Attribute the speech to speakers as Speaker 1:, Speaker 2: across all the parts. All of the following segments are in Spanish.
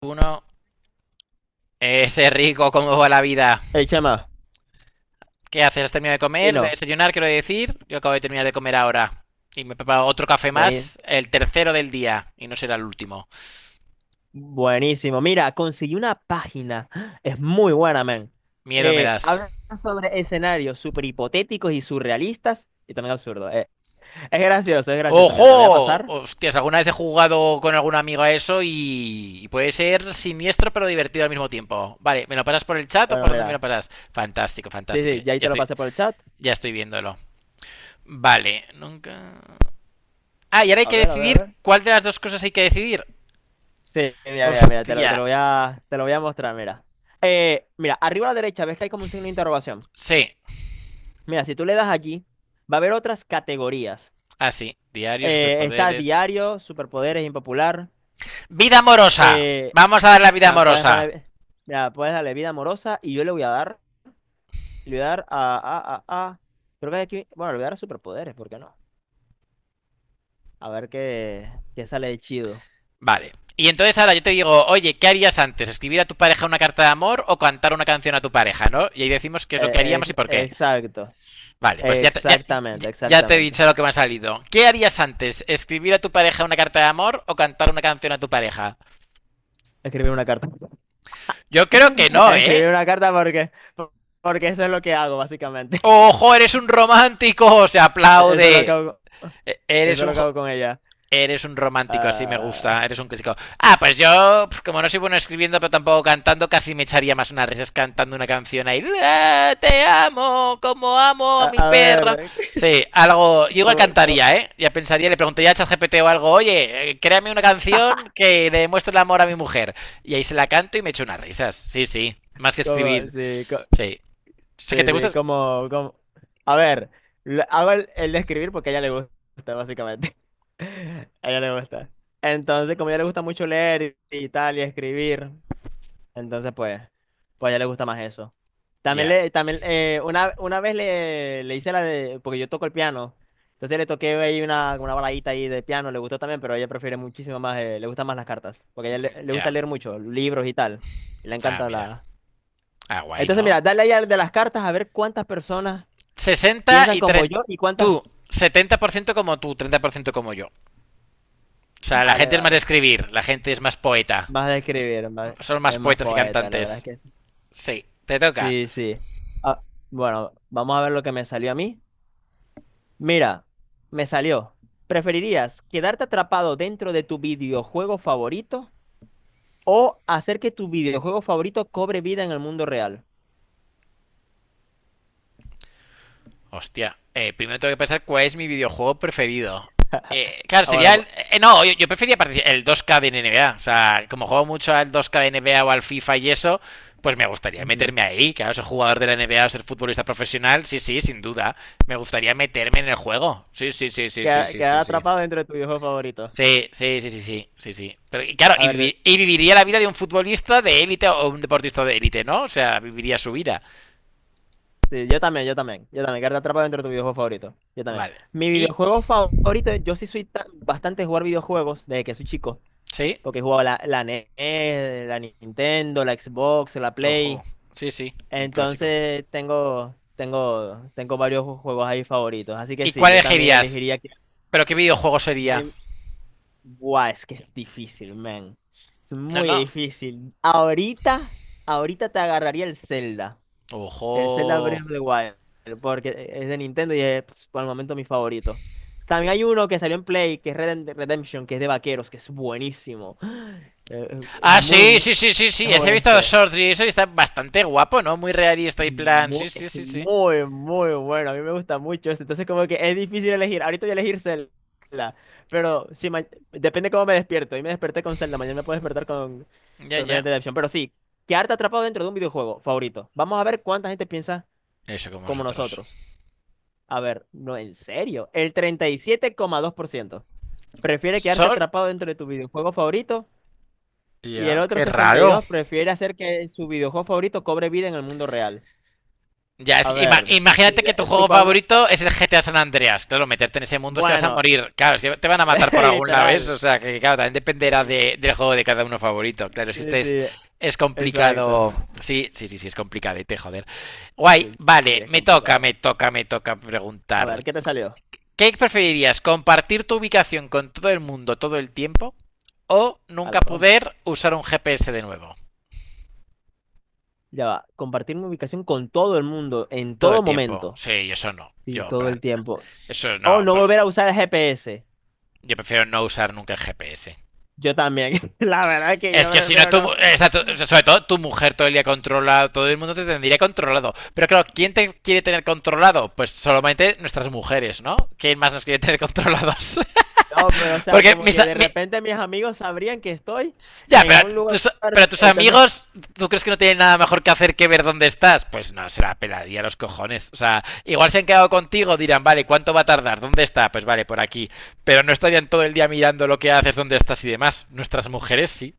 Speaker 1: Uno, ese rico, ¿cómo va la vida?
Speaker 2: Hey, chama,
Speaker 1: ¿Qué haces? ¿Has terminado de comer? ¿De
Speaker 2: Pino,
Speaker 1: desayunar, quiero decir? Yo acabo de terminar de comer ahora. Y me he preparado otro café
Speaker 2: bueni-
Speaker 1: más, el tercero del día. Y no será el último.
Speaker 2: buenísimo. Mira, conseguí una página. Es muy buena, man.
Speaker 1: Miedo me das.
Speaker 2: Habla sobre escenarios súper hipotéticos y surrealistas y también absurdos. Es gracioso, es gracioso. Mira, te lo voy a
Speaker 1: ¡Ojo!
Speaker 2: pasar.
Speaker 1: Hostias, alguna vez he jugado con algún amigo a eso y puede ser siniestro pero divertido al mismo tiempo. Vale, ¿me lo pasas por el chat o
Speaker 2: Bueno,
Speaker 1: por dónde me lo
Speaker 2: mira.
Speaker 1: pasas? Fantástico,
Speaker 2: Sí,
Speaker 1: fantástico.
Speaker 2: sí, ya ahí
Speaker 1: Ya
Speaker 2: te lo
Speaker 1: estoy,
Speaker 2: pasé por el chat.
Speaker 1: ya estoy viéndolo. Vale, nunca... Ah, y ahora hay
Speaker 2: A
Speaker 1: que
Speaker 2: ver, a ver, a
Speaker 1: decidir
Speaker 2: ver.
Speaker 1: cuál de las dos cosas hay que decidir.
Speaker 2: Sí, mira, mira, mira, te
Speaker 1: Hostia,
Speaker 2: lo voy a, te lo voy a mostrar, mira. Mira, arriba a la derecha, ves que hay como un signo de interrogación.
Speaker 1: sí,
Speaker 2: Mira, si tú le das allí, va a haber otras categorías.
Speaker 1: así. Diario,
Speaker 2: Está
Speaker 1: superpoderes.
Speaker 2: diario, superpoderes, impopular.
Speaker 1: ¡Vida amorosa!
Speaker 2: Eh,
Speaker 1: Vamos a dar la vida
Speaker 2: Puedes
Speaker 1: amorosa.
Speaker 2: poner, mira, puedes darle vida amorosa y yo le voy a dar creo que aquí, bueno, le voy a dar superpoderes, ¿por qué no? A ver qué sale de chido.
Speaker 1: Vale. Y entonces ahora yo te digo, oye, ¿qué harías antes? ¿Escribir a tu pareja una carta de amor o cantar una canción a tu pareja, no? Y ahí decimos qué es lo que haríamos y por qué.
Speaker 2: Exacto,
Speaker 1: Vale, pues ya te, ya,
Speaker 2: exactamente,
Speaker 1: ya te he
Speaker 2: exactamente.
Speaker 1: dicho lo que me ha salido. ¿Qué harías antes? ¿Escribir a tu pareja una carta de amor o cantar una canción a tu pareja?
Speaker 2: Escribir una carta.
Speaker 1: Yo creo que no,
Speaker 2: Escribir
Speaker 1: ¿eh?
Speaker 2: una carta porque eso es lo que hago, básicamente.
Speaker 1: ¡Ojo, eres un romántico! Se
Speaker 2: Eso es lo que
Speaker 1: aplaude.
Speaker 2: hago,
Speaker 1: Eres
Speaker 2: eso es
Speaker 1: un...
Speaker 2: lo que hago con ella.
Speaker 1: Eres un romántico, así me
Speaker 2: Ah,
Speaker 1: gusta. Eres un clásico. Ah, pues yo, pues, como no soy bueno escribiendo, pero tampoco cantando, casi me echaría más unas risas cantando una canción ahí. "Ah, te amo, como amo a
Speaker 2: a,
Speaker 1: mi
Speaker 2: a
Speaker 1: perro.
Speaker 2: ver,
Speaker 1: Sí, algo. Yo igual
Speaker 2: ¿cómo, cómo,
Speaker 1: cantaría, ¿eh? Ya pensaría, le preguntaría a ChatGPT o algo, oye, créame una canción que le demuestre el amor a mi mujer. Y ahí se la canto y me echo unas risas. Sí, sí. Más que escribir.
Speaker 2: sí,
Speaker 1: Sí. O sea, que
Speaker 2: sí,
Speaker 1: te
Speaker 2: sí,
Speaker 1: gustas.
Speaker 2: como... A ver, hago el de escribir porque a ella le gusta, básicamente. A ella le gusta. Entonces, como a ella le gusta mucho leer y tal, y escribir, entonces pues a ella le gusta más eso. También
Speaker 1: Ya,
Speaker 2: una vez le hice la de, porque yo toco el piano, entonces le toqué ahí una baladita ahí de piano, le gustó también, pero ella prefiere muchísimo más, le gustan más las cartas, porque a ella le gusta
Speaker 1: ya.
Speaker 2: leer mucho, libros y tal, y le
Speaker 1: Ah,
Speaker 2: encanta
Speaker 1: mira.
Speaker 2: la...
Speaker 1: Ah, guay,
Speaker 2: Entonces,
Speaker 1: ¿no?
Speaker 2: mira, dale ahí al de las cartas a ver cuántas personas
Speaker 1: Sesenta
Speaker 2: piensan
Speaker 1: y
Speaker 2: como
Speaker 1: treinta.
Speaker 2: yo y cuántas...
Speaker 1: Tú, 70% como tú, 30% como yo. O sea, la
Speaker 2: Vale,
Speaker 1: gente es más de
Speaker 2: vale.
Speaker 1: escribir, la gente es más poeta.
Speaker 2: Más de escribir, más,
Speaker 1: Son más
Speaker 2: es más
Speaker 1: poetas que
Speaker 2: poeta, la verdad es
Speaker 1: cantantes.
Speaker 2: que sí.
Speaker 1: Sí, te toca.
Speaker 2: Sí, sí. Ah, bueno, vamos a ver lo que me salió a mí. Mira, me salió. ¿Preferirías quedarte atrapado dentro de tu videojuego favorito o hacer que tu videojuego favorito cobre vida en el mundo real?
Speaker 1: Hostia, primero tengo que pensar cuál es mi videojuego preferido. Claro,
Speaker 2: Ah, bueno,
Speaker 1: sería el. No, yo prefería el 2K de NBA. O sea, como juego mucho al 2K de NBA o al FIFA y eso, pues me gustaría
Speaker 2: ujú.
Speaker 1: meterme ahí. Claro, ser jugador de la NBA o ser futbolista profesional, sí, sí, sin duda. Me gustaría meterme en el juego. Sí, sí, sí, sí, sí, sí,
Speaker 2: Quedar
Speaker 1: sí.
Speaker 2: atrapado dentro de tu videojuego favorito.
Speaker 1: Sí, sí, sí, sí, sí, sí, sí. Pero y claro,
Speaker 2: A
Speaker 1: y,
Speaker 2: ver,
Speaker 1: vivi- y viviría la vida de un futbolista de élite o un deportista de élite, ¿no? O sea, viviría su vida.
Speaker 2: sí, yo también, yo también, yo también, quedarte atrapado dentro de tu videojuego favorito, yo también.
Speaker 1: Vale.
Speaker 2: Mi
Speaker 1: Y,
Speaker 2: videojuego favorito, yo sí soy bastante de jugar videojuegos desde que soy chico,
Speaker 1: sí,
Speaker 2: porque he jugado la NES, la Nintendo, la Xbox, la
Speaker 1: ojo.
Speaker 2: Play,
Speaker 1: Sí, sí, un clásico.
Speaker 2: entonces tengo, tengo, tengo varios juegos ahí favoritos, así que
Speaker 1: ¿Y
Speaker 2: sí,
Speaker 1: cuál
Speaker 2: yo también
Speaker 1: elegirías?
Speaker 2: elegiría que...
Speaker 1: ¿Pero qué videojuego sería?
Speaker 2: de- Guau, es que es difícil, man, es
Speaker 1: No,
Speaker 2: muy
Speaker 1: no.
Speaker 2: difícil. Ahorita, ahorita te agarraría el Zelda. El Zelda Breath
Speaker 1: Ojo.
Speaker 2: of the Wild, porque es de Nintendo y es pues, por el momento mi favorito. También hay uno que salió en Play, que es Redemption, que es de vaqueros, que es buenísimo. Es
Speaker 1: Ah,
Speaker 2: muy,
Speaker 1: sí,
Speaker 2: muy
Speaker 1: sí, sí, sí, sí. Ese he
Speaker 2: joven
Speaker 1: visto los
Speaker 2: este.
Speaker 1: shorts y eso y está bastante guapo, ¿no? Muy realista
Speaker 2: Es
Speaker 1: y plan.
Speaker 2: muy,
Speaker 1: Sí, sí,
Speaker 2: es
Speaker 1: sí, sí.
Speaker 2: muy, muy bueno. A mí me gusta mucho este. Entonces, como que es difícil elegir. Ahorita voy a elegir Zelda, pero si ma- depende cómo me despierto. Hoy me desperté con Zelda, mañana me puedo despertar con,
Speaker 1: Ya,
Speaker 2: con Red
Speaker 1: ya.
Speaker 2: Dead Redemption. Pero sí, quedarte atrapado dentro de un videojuego favorito. Vamos a ver cuánta gente piensa
Speaker 1: Eso como
Speaker 2: como
Speaker 1: nosotros.
Speaker 2: nosotros. A ver, no, en serio. El 37,2% prefiere quedarse
Speaker 1: Sol.
Speaker 2: atrapado dentro de tu videojuego favorito y el
Speaker 1: Ya,
Speaker 2: otro
Speaker 1: qué raro.
Speaker 2: 62% prefiere hacer que su videojuego favorito cobre vida en el mundo real.
Speaker 1: Ya, es
Speaker 2: A
Speaker 1: que ima-
Speaker 2: ver, si,
Speaker 1: imagínate que tu juego
Speaker 2: supongo.
Speaker 1: favorito es el GTA San Andreas. Claro, meterte en ese mundo es que vas a
Speaker 2: Bueno,
Speaker 1: morir. Claro, es que te van a matar por algún lado, ¿ves?
Speaker 2: literal.
Speaker 1: O sea, que claro, también dependerá
Speaker 2: Li-
Speaker 1: del juego de cada uno favorito. Claro, es que
Speaker 2: Sí,
Speaker 1: este es,
Speaker 2: sí,
Speaker 1: es
Speaker 2: exacto.
Speaker 1: complicado. Sí, sí, sí, sí, es complicadete, joder. Guay,
Speaker 2: Sí, sí, sí,
Speaker 1: vale,
Speaker 2: es
Speaker 1: me toca,
Speaker 2: complicado.
Speaker 1: me toca, me toca
Speaker 2: A
Speaker 1: preguntar.
Speaker 2: ver, ¿qué te salió?
Speaker 1: ¿Qué preferirías? ¿Compartir tu ubicación con todo el mundo todo el tiempo? ¿O
Speaker 2: A
Speaker 1: nunca
Speaker 2: la broma.
Speaker 1: poder usar un GPS de nuevo?
Speaker 2: Ya va. Compartir mi ubicación con todo el mundo en
Speaker 1: Todo
Speaker 2: todo
Speaker 1: el tiempo.
Speaker 2: momento.
Speaker 1: Sí, eso no.
Speaker 2: Sí,
Speaker 1: Yo, en
Speaker 2: todo el
Speaker 1: plan,
Speaker 2: tiempo.
Speaker 1: eso
Speaker 2: O
Speaker 1: no.
Speaker 2: no volver a usar el GPS.
Speaker 1: Yo prefiero no usar nunca el GPS.
Speaker 2: Yo también, la verdad es que
Speaker 1: Es
Speaker 2: yo
Speaker 1: que si no,
Speaker 2: prefiero no.
Speaker 1: sobre todo tu mujer todo el día controla, todo el mundo te tendría controlado. Pero claro, ¿quién te quiere tener controlado? Pues solamente nuestras mujeres, ¿no? ¿Quién más nos quiere tener controlados?
Speaker 2: No, pero o sea,
Speaker 1: Porque
Speaker 2: como
Speaker 1: mis,
Speaker 2: que de
Speaker 1: mi,
Speaker 2: repente mis amigos sabrían que estoy
Speaker 1: ya,
Speaker 2: en
Speaker 1: pero
Speaker 2: un lugar,
Speaker 1: pero tus
Speaker 2: entonces,
Speaker 1: amigos, ¿tú crees que no tienen nada mejor que hacer que ver dónde estás? Pues no, se la pelaría a los cojones. O sea, igual se han quedado contigo, dirán, vale, ¿cuánto va a tardar? ¿Dónde está? Pues vale, por aquí. Pero no estarían todo el día mirando lo que haces, dónde estás y demás. Nuestras mujeres sí.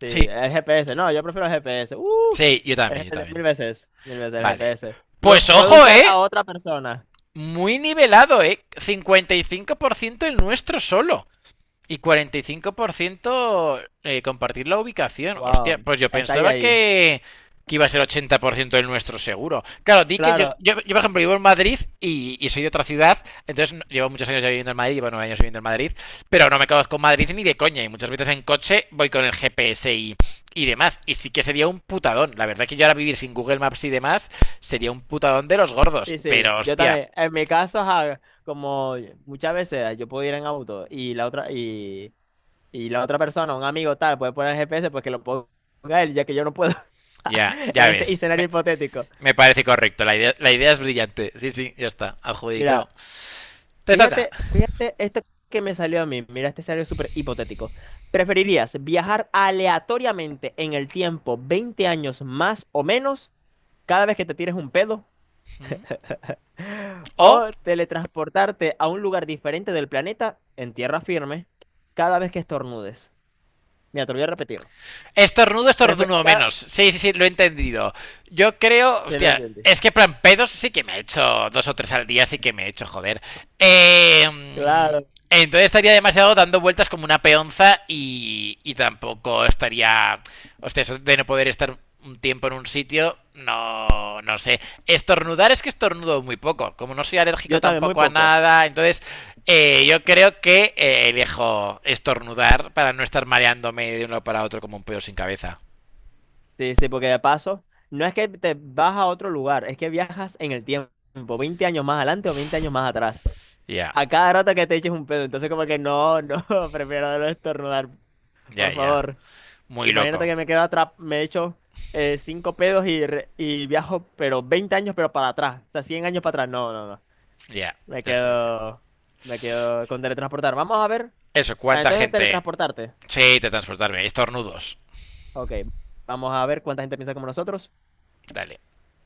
Speaker 2: sí,
Speaker 1: Sí,
Speaker 2: el GPS, no, yo prefiero el GPS.
Speaker 1: sí, yo
Speaker 2: El
Speaker 1: también, yo
Speaker 2: GPS
Speaker 1: también.
Speaker 2: mil veces el
Speaker 1: Vale.
Speaker 2: GPS. Lo
Speaker 1: Pues
Speaker 2: puedo
Speaker 1: ojo,
Speaker 2: usar a
Speaker 1: ¿eh?
Speaker 2: otra persona.
Speaker 1: Muy nivelado, ¿eh? 55% el nuestro solo. Y 45% compartir la ubicación. Hostia,
Speaker 2: Wow,
Speaker 1: pues yo
Speaker 2: está ahí
Speaker 1: pensaba
Speaker 2: ahí.
Speaker 1: que iba a ser 80% del nuestro seguro. Claro, di que yo,
Speaker 2: Claro,
Speaker 1: yo, yo, por ejemplo, vivo en Madrid y soy de otra ciudad, entonces llevo muchos años ya viviendo en Madrid, llevo 9 años viviendo en Madrid, pero no me conozco Madrid ni de coña y muchas veces en coche voy con el GPS y demás. Y sí que sería un putadón. La verdad que yo ahora vivir sin Google Maps y demás sería un putadón de los gordos,
Speaker 2: sí, sí,
Speaker 1: pero
Speaker 2: yo
Speaker 1: hostia,
Speaker 2: también. En mi caso, ajá, como muchas veces yo puedo ir en auto y la otra y la otra persona, un amigo tal, puede poner el GPS porque lo ponga él, ya que yo no puedo.
Speaker 1: ya, ya
Speaker 2: En ese
Speaker 1: ves.
Speaker 2: escenario
Speaker 1: Me-
Speaker 2: hipotético.
Speaker 1: Me parece correcto, la idea es brillante. Sí, sí, ya está, adjudicado.
Speaker 2: Mira,
Speaker 1: Te toca.
Speaker 2: fíjate, fíjate esto que me salió a mí. Mira este escenario súper hipotético. ¿Preferirías viajar aleatoriamente en el tiempo 20 años más o menos cada vez que te tires un pedo? ¿O
Speaker 1: O
Speaker 2: teletransportarte a un lugar diferente del planeta en tierra firme cada vez que estornudes? Mira, te lo voy a repetir.
Speaker 1: Estornudo,
Speaker 2: Prefe-
Speaker 1: estornudo
Speaker 2: cada-
Speaker 1: menos. Sí, sí, sí, lo he entendido. Yo creo,
Speaker 2: Te lo
Speaker 1: hostia,
Speaker 2: entendiste.
Speaker 1: es que plan pedos sí que me he hecho dos o tres al día, sí que me he hecho, joder. Eh,
Speaker 2: Claro.
Speaker 1: entonces estaría demasiado dando vueltas como una peonza y tampoco estaría, hostia, eso de no poder estar un tiempo en un sitio, no, no sé. Estornudar es que estornudo muy poco. Como no soy alérgico
Speaker 2: Yo también, muy
Speaker 1: tampoco a
Speaker 2: poco.
Speaker 1: nada, entonces yo creo que elijo estornudar para no estar mareándome de uno para otro como un pedo sin cabeza.
Speaker 2: Sí, sí, porque de paso, no es que te vas a otro lugar, es que viajas en el tiempo, 20 años más adelante o 20 años más atrás.
Speaker 1: Ya,
Speaker 2: A cada rato que te eches un pedo, entonces como que no, no, prefiero no estornudar,
Speaker 1: ya,
Speaker 2: por
Speaker 1: ya.
Speaker 2: favor.
Speaker 1: Muy loco.
Speaker 2: Imagínate que me quedo atrás, me echo cinco pedos y viajo, pero 20 años, pero para atrás, o sea, 100 años para atrás, no, no, no.
Speaker 1: Ya,
Speaker 2: Me
Speaker 1: ya sé lo que.
Speaker 2: quedo, me quedo con teletransportar. Vamos a ver,
Speaker 1: Eso,
Speaker 2: ah,
Speaker 1: ¿cuánta
Speaker 2: entonces
Speaker 1: gente?
Speaker 2: teletransportarte.
Speaker 1: Sí, te transportarme. Estornudos.
Speaker 2: Ok, vamos a ver cuánta gente piensa como nosotros.
Speaker 1: Dale.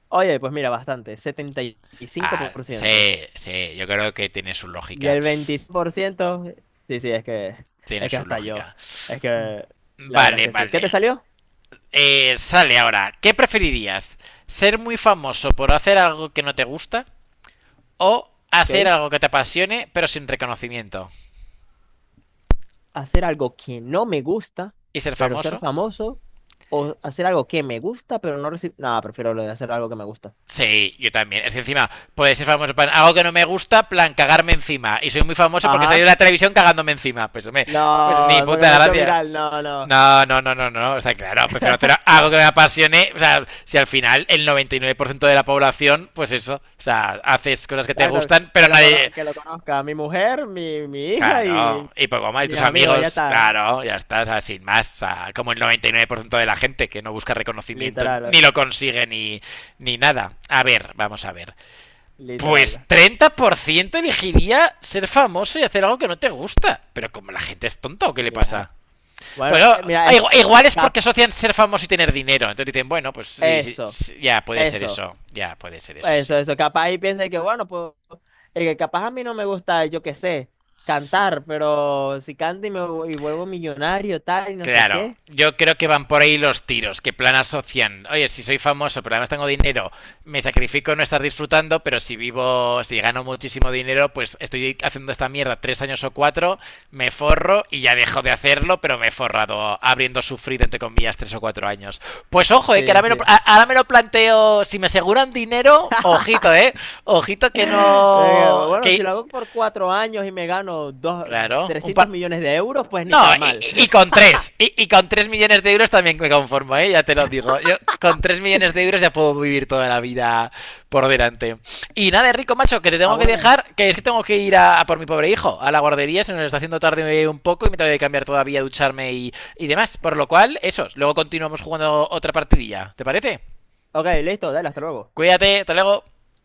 Speaker 2: Oye, pues mira, bastante, setenta Y cinco
Speaker 1: Ah,
Speaker 2: por ciento
Speaker 1: sí, sí. Yo creo que tiene su
Speaker 2: y
Speaker 1: lógica.
Speaker 2: el 25% sí, sí, es que,
Speaker 1: Tiene
Speaker 2: es que
Speaker 1: su
Speaker 2: hasta yo,
Speaker 1: lógica.
Speaker 2: es que la verdad es
Speaker 1: Vale,
Speaker 2: que sí. ¿Qué te
Speaker 1: vale.
Speaker 2: salió?
Speaker 1: Sale ahora. ¿Qué preferirías? ¿Ser muy famoso por hacer algo que no te gusta? ¿O hacer
Speaker 2: Ok.
Speaker 1: algo que te apasione pero sin reconocimiento?
Speaker 2: Hacer algo que no me gusta,
Speaker 1: ¿Y ser
Speaker 2: pero ser
Speaker 1: famoso?
Speaker 2: famoso, o hacer algo que me gusta, pero no recibir... No, prefiero lo de hacer algo que me gusta.
Speaker 1: Sí, yo también. Es que encima, puede ser famoso para algo que no me gusta, plan cagarme encima. Y soy muy famoso porque salí de
Speaker 2: Ajá.
Speaker 1: la televisión cagándome encima. Pues hombre, pues ni
Speaker 2: No, porque
Speaker 1: puta
Speaker 2: me he hecho
Speaker 1: gracia.
Speaker 2: viral, no, no.
Speaker 1: No, no, no, no, no, no. O sea, claro, prefiero hacer algo que me apasione. O sea, si al final el 99% de la población, pues eso. O sea, haces cosas que te
Speaker 2: Exacto,
Speaker 1: gustan, pero nadie,
Speaker 2: que lo conozca mi mujer, mi hija y
Speaker 1: claro, y poco más, y
Speaker 2: mis
Speaker 1: tus
Speaker 2: amigos, ya
Speaker 1: amigos,
Speaker 2: está.
Speaker 1: claro, ya estás, sin más, o sea, como el 99% de la gente que no busca reconocimiento ni
Speaker 2: Literal,
Speaker 1: lo consigue ni nada. A ver, vamos a ver. Pues
Speaker 2: literal.
Speaker 1: 30% elegiría ser famoso y hacer algo que no te gusta. Pero como la gente es tonta, ¿o qué le
Speaker 2: Ya,
Speaker 1: pasa?
Speaker 2: bueno,
Speaker 1: Pues
Speaker 2: mira, es
Speaker 1: igual,
Speaker 2: que
Speaker 1: igual es
Speaker 2: cap-
Speaker 1: porque asocian ser famoso y tener dinero. Entonces dicen, bueno, pues sí, sí,
Speaker 2: eso,
Speaker 1: sí, ya puede ser
Speaker 2: eso,
Speaker 1: eso, ya puede ser eso,
Speaker 2: eso,
Speaker 1: sí.
Speaker 2: eso. Capaz y piensa que, bueno, pues, que capaz a mí no me gusta, yo qué sé, cantar, pero si canto y vuelvo millonario, tal, y no sé
Speaker 1: Claro,
Speaker 2: qué.
Speaker 1: yo creo que van por ahí los tiros, que plan asocian, oye, si soy famoso, pero además tengo dinero, me sacrifico en no estar disfrutando, pero si vivo, si gano muchísimo dinero, pues estoy haciendo esta mierda tres años o cuatro, me forro y ya dejo de hacerlo, pero me he forrado habiendo sufrido, entre comillas, tres o cuatro años. Pues ojo, que ahora
Speaker 2: Sí,
Speaker 1: me, lo,
Speaker 2: sí.
Speaker 1: ahora me lo planteo, si me aseguran dinero, ojito, ojito que no,
Speaker 2: Bueno, si
Speaker 1: que,
Speaker 2: lo hago por 4 años y me gano dos,
Speaker 1: claro, un
Speaker 2: 300
Speaker 1: par...
Speaker 2: millones de euros, pues ni
Speaker 1: No,
Speaker 2: tan mal.
Speaker 1: y con 3 millones de euros también me conformo, ¿eh? Ya te lo digo. Yo con 3 millones de euros ya puedo vivir toda la vida por delante. Y nada, Rico, macho, que te
Speaker 2: Ah,
Speaker 1: tengo que
Speaker 2: bueno.
Speaker 1: dejar, que es que tengo que ir a por mi pobre hijo, a la guardería, se nos está haciendo tarde un poco y me tengo que cambiar todavía, ducharme y demás. Por lo cual, eso, luego continuamos jugando otra partidilla. ¿Te parece?
Speaker 2: Ok, listo, dale, hasta luego.
Speaker 1: Cuídate, hasta luego.